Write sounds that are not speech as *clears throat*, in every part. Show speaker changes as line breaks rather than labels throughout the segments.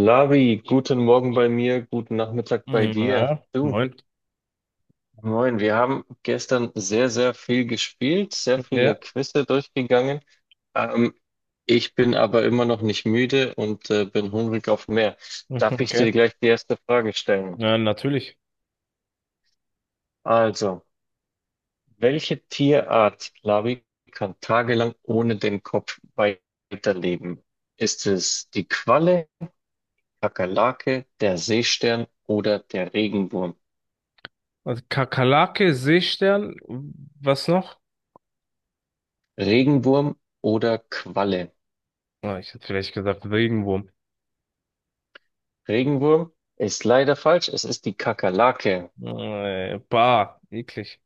Lavi, guten Morgen bei mir, guten Nachmittag bei
Mhm,
dir.
Ja,
Du,
moin.
moin, wir haben gestern sehr, sehr viel gespielt, sehr viele
Ja.
Quizze durchgegangen. Ähm, Ich bin aber immer noch nicht müde und bin hungrig auf mehr.
*laughs*
Darf
mhm,
ich
okay.
dir gleich die erste Frage stellen?
Ja, natürlich.
Also, welche Tierart, Lavi, kann tagelang ohne den Kopf weiterleben? Ist es die Qualle, Kakerlake, der Seestern oder der Regenwurm?
Also Kakerlake, Seestern, was noch?
Regenwurm oder Qualle?
Ah, ich hätte vielleicht gesagt Regenwurm.
Regenwurm ist leider falsch. Es ist die Kakerlake.
Bah, eklig.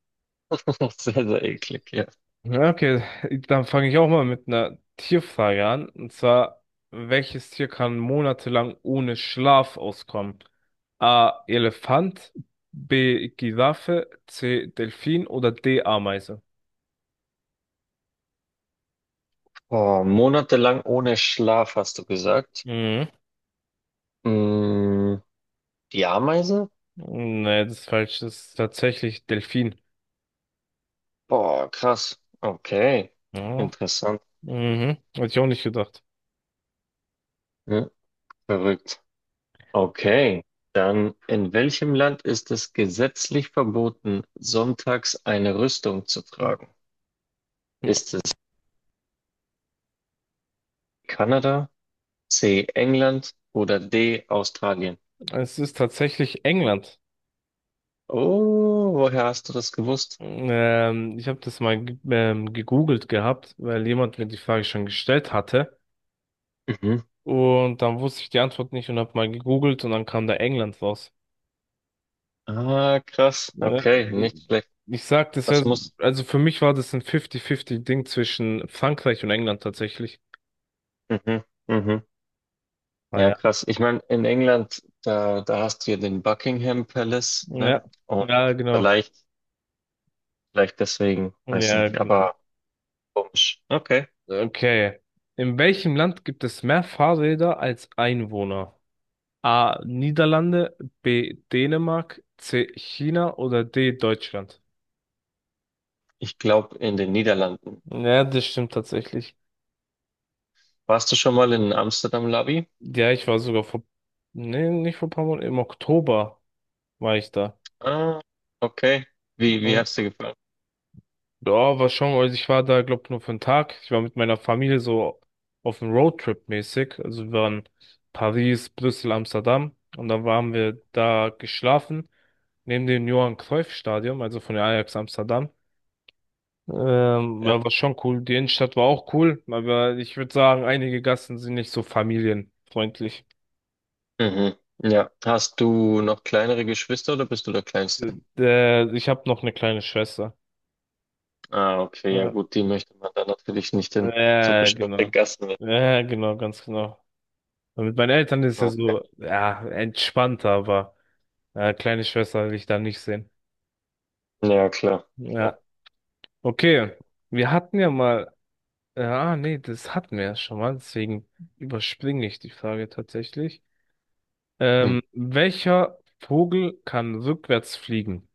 *laughs* Sehr, sehr eklig, ja.
Ja, okay, dann fange ich auch mal mit einer Tierfrage an. Und zwar, welches Tier kann monatelang ohne Schlaf auskommen? A. Elefant, B. Giraffe, C. Delfin oder D. Ameise?
Oh, monatelang ohne Schlaf, hast du gesagt.
Mhm.
Mm, Die Ameise?
Nee, das ist falsch. Das ist tatsächlich Delfin.
Boah, krass. Okay.
Ja.
Interessant.
Mhm, hätte ich auch nicht gedacht.
Hm, Verrückt. Okay. Dann, in welchem Land ist es gesetzlich verboten, sonntags eine Rüstung zu tragen? Ist es Kanada, C. England oder D. Australien?
Es ist tatsächlich England.
Oh, woher hast du das gewusst?
Ich habe das mal gegoogelt gehabt, weil jemand mir die Frage schon gestellt hatte.
Mhm.
Und dann wusste ich die Antwort nicht und habe mal gegoogelt und dann kam da England raus.
Ah, krass.
Ne?
Okay,
Ich,
nicht schlecht.
ich sag,
Das muss.
also für mich war das ein 50-50-Ding zwischen Frankreich und England tatsächlich.
Mhm. Mhm. Ja,
Naja.
krass. Ich meine, in England, da hast du ja den Buckingham Palace, ne?
Ja,
Und
ja, genau.
vielleicht, vielleicht deswegen, weiß
Ja,
nicht,
genau.
aber komisch. Okay.
Okay. In welchem Land gibt es mehr Fahrräder als Einwohner? A. Niederlande, B. Dänemark, C. China oder D. Deutschland?
Ich glaube, in den Niederlanden.
Ja, das stimmt tatsächlich.
Warst du schon mal in Amsterdam Lobby?
Ja, ich war sogar vor, nee, nicht vor ein paar Monaten, im Oktober war ich da.
Ah, okay. Wie
Mhm.
hat's dir gefallen?
Ja, war schon, also ich war da, glaub, nur für einen Tag. Ich war mit meiner Familie so auf dem Roadtrip mäßig. Also wir waren Paris, Brüssel, Amsterdam und dann waren wir da geschlafen, neben dem Johan Cruyff Stadion, also von der Ajax Amsterdam.
Ja.
Ja, war schon cool. Die Innenstadt war auch cool, aber ich würde sagen, einige Gassen sind nicht so familienfreundlich.
Mhm. Ja. Hast du noch kleinere Geschwister oder bist du der
Äh,
Kleinste?
ich habe noch eine kleine Schwester.
Ah, okay, ja
Ja,
gut, die möchte man dann natürlich nicht in so bestimmte
genau.
Gassen mit.
Ja, genau, ganz genau. Und mit meinen Eltern ist ja
Okay.
so, ja, entspannter, aber kleine Schwester will ich da nicht sehen.
Ja, klar, klar.
Ja, okay. Wir hatten ja mal, ah, nee, das hatten wir ja schon mal, deswegen überspringe ich die Frage tatsächlich.
Hm.
Welcher Vogel kann rückwärts fliegen?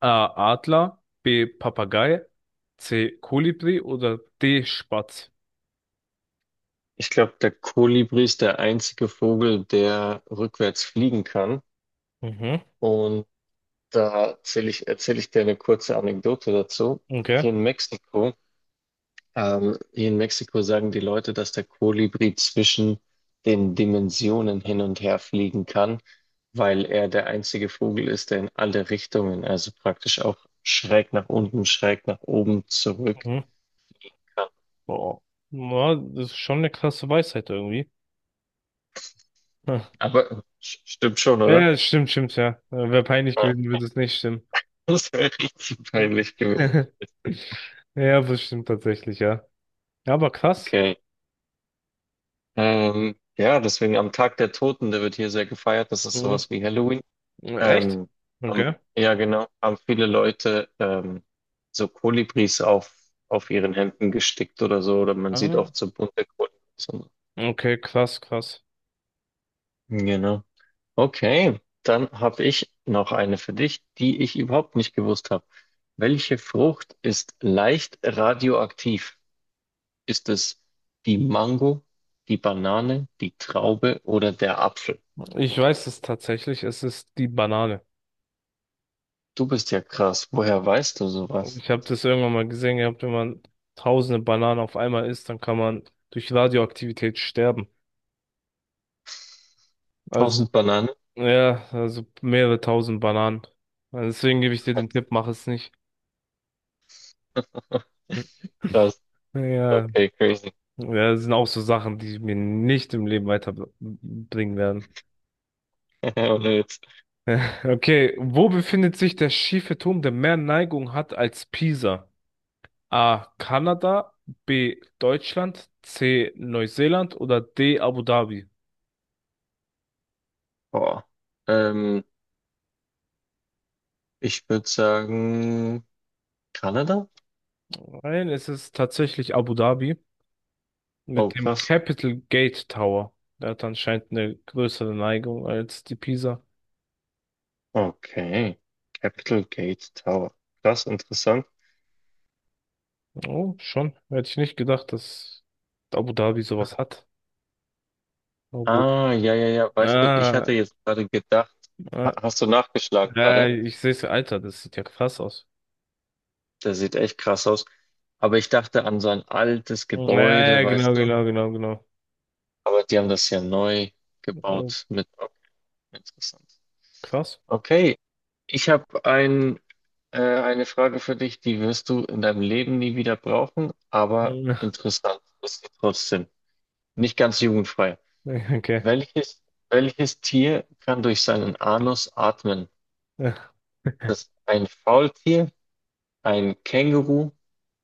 A. Adler, B. Papagei, C. Kolibri oder D. Spatz?
Ich glaube, der Kolibri ist der einzige Vogel, der rückwärts fliegen kann.
Mhm,
Und da erzähl ich dir eine kurze Anekdote dazu. Hier
okay.
in Mexiko Hier in Mexiko sagen die Leute, dass der Kolibri zwischen den Dimensionen hin und her fliegen kann, weil er der einzige Vogel ist, der in alle Richtungen, also praktisch auch schräg nach unten, schräg nach oben zurück
Mhm.
kann.
Boah. Ja, das ist schon eine krasse Weisheit irgendwie. Hm.
Aber stimmt schon, oder?
Ja, stimmt, ja. Wäre peinlich
Ja,
gewesen,
*laughs*
würde es nicht stimmen.
Das wäre richtig
Hm.
peinlich gewesen.
*laughs* Ja, das stimmt tatsächlich, ja. Ja, aber krass.
Okay. Ja, deswegen am Tag der Toten, der wird hier sehr gefeiert. Das ist
Mhm.
sowas wie Halloween.
Echt?
Ähm, haben,
Okay.
ja, genau, haben viele Leute so Kolibris auf ihren Hemden gestickt oder so, oder man sieht
Ah.
oft so bunte Kolibris und so.
Okay, krass, krass.
Genau. Okay, dann habe ich noch eine für dich, die ich überhaupt nicht gewusst habe. Welche Frucht ist leicht radioaktiv? Ist es die Mango, die Banane, die Traube oder der Apfel?
Ich weiß es tatsächlich, es ist die Banane.
Du bist ja krass. Woher weißt du sowas?
Ich habe das irgendwann mal gesehen gehabt, wenn man tausende Bananen auf einmal isst, dann kann man durch Radioaktivität sterben. Also,
1.000 Bananen?
ja, also mehrere tausend Bananen. Also deswegen gebe ich dir den Tipp, mach es nicht. *laughs*
*laughs*
Hm.
Krass.
Ja,
Okay, crazy.
ja, das sind auch so Sachen, die mir nicht im Leben weiterbringen werden.
*laughs* Ohne Witz.
*laughs* Okay, wo befindet sich der schiefe Turm, der mehr Neigung hat als Pisa? A. Kanada, B. Deutschland, C. Neuseeland oder D. Abu Dhabi?
Boah. Ähm, Ich würde sagen, Kanada?
Nein, es ist tatsächlich Abu Dhabi mit
Oh,
dem
krass.
Capital Gate Tower. Der hat anscheinend eine größere Neigung als die Pisa.
Okay. Capital Gate Tower. Krass, interessant.
Oh, schon. Hätte ich nicht gedacht, dass Abu Dhabi sowas hat. Oh gut.
Ah, ja, ja, ja. Weißt du, ich
Ah,
hatte jetzt gerade gedacht,
ah,
hast du nachgeschlagen gerade?
ich sehe es, Alter, das sieht ja krass aus.
Der sieht echt krass aus. Aber ich dachte an so ein altes
Ja,
Gebäude,
ja, genau,
weißt du?
genau.
Aber die haben das ja neu
Äh,
gebaut mit. Okay, interessant.
krass.
Okay, ich habe eine Frage für dich, die wirst du in deinem Leben nie wieder brauchen, aber
*laughs*
interessant ist sie trotzdem. Nicht ganz jugendfrei.
Ja. Okay.
Welches, welches Tier kann durch seinen Anus atmen?
Ja.
Das ist ein Faultier, ein Känguru,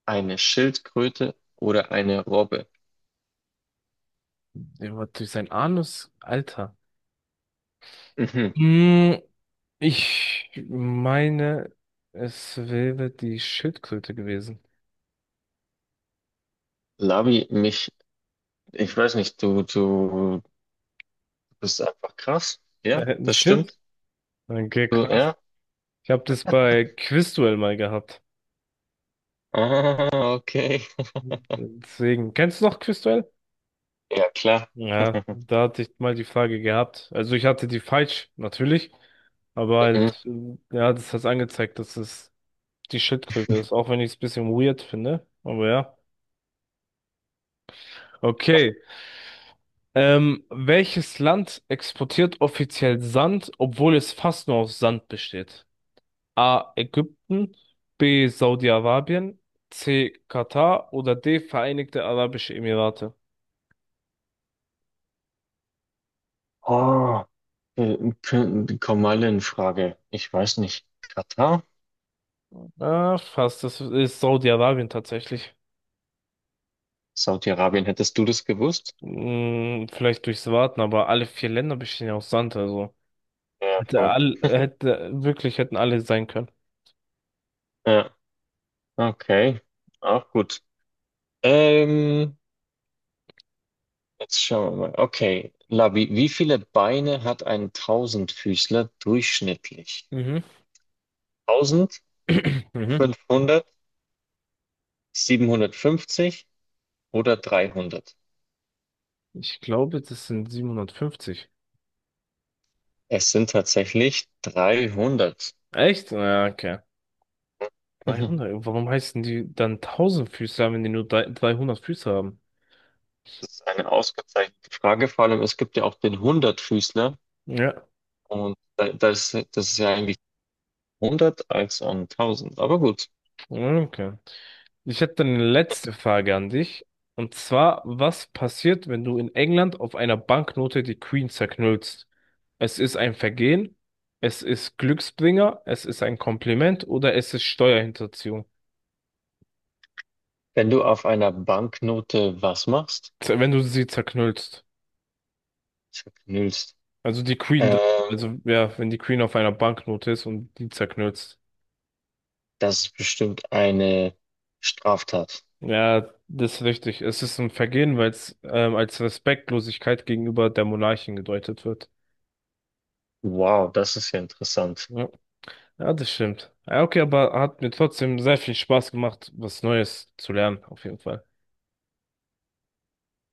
eine Schildkröte oder eine Robbe?
Der war durch seinen Anus, Alter.
Mhm.
Mm, ich meine, es wäre die Schildkröte gewesen.
Labi, ich weiß nicht, du bist einfach krass. Ja,
Das
das
stimmt?
stimmt.
Okay,
Du,
krass.
ja.
Ich habe das bei Quizduell mal gehabt.
Ah, okay.
Deswegen, kennst du noch Quizduell?
Ja, klar.
Ja,
*laughs*
da hatte ich mal die Frage gehabt. Also ich hatte die falsch, natürlich. Aber
Mhm.
halt, ja, das hat angezeigt, dass es die Schildkröte ist, auch wenn ich es ein bisschen weird finde. Aber ja. Okay. Welches Land exportiert offiziell Sand, obwohl es fast nur aus Sand besteht? A. Ägypten, B. Saudi-Arabien, C. Katar oder D. Vereinigte Arabische Emirate.
Oh, die kommen alle in Frage. Ich weiß nicht. Katar?
Ah, fast, das ist Saudi-Arabien tatsächlich.
Saudi-Arabien, hättest du das gewusst?
Hm, vielleicht durchs Warten, aber alle vier Länder bestehen ja aus Sand, also
Ja, voll.
wirklich hätten alle sein können.
Ja, okay. Auch gut. Ähm, Jetzt schauen wir mal. Okay, Labi, wie viele Beine hat ein Tausendfüßler durchschnittlich?
Mhm.
1.000?
*clears throat* Mhm.
500? 750, oder 300?
Ich glaube, das sind 750.
Es sind tatsächlich 300.
Echt? Ja, okay.
*laughs*
300. Warum heißen die dann Tausendfüßler, wenn die nur 300 Füße haben?
Das ist eine ausgezeichnete Frage, vor allem es gibt ja auch den Hundertfüßler
Ja.
und das ist ja eigentlich 100 als an 1.000. Aber gut,
Ja, okay. Ich hätte dann eine letzte Frage an dich. Und zwar, was passiert, wenn du in England auf einer Banknote die Queen zerknüllst? Es ist ein Vergehen, es ist Glücksbringer, es ist ein Kompliment oder es ist Steuerhinterziehung,
wenn du auf einer Banknote was machst,
Wenn du sie zerknüllst.
zerknüllst,
Also die Queen,
äh,
also ja, wenn die Queen auf einer Banknote ist und die zerknüllst.
das ist bestimmt eine Straftat.
Ja, das ist richtig. Es ist ein Vergehen, weil es als Respektlosigkeit gegenüber der Monarchin gedeutet wird.
Wow, das ist ja interessant.
Ja. Ja, das stimmt. Ja, okay, aber hat mir trotzdem sehr viel Spaß gemacht, was Neues zu lernen, auf jeden Fall.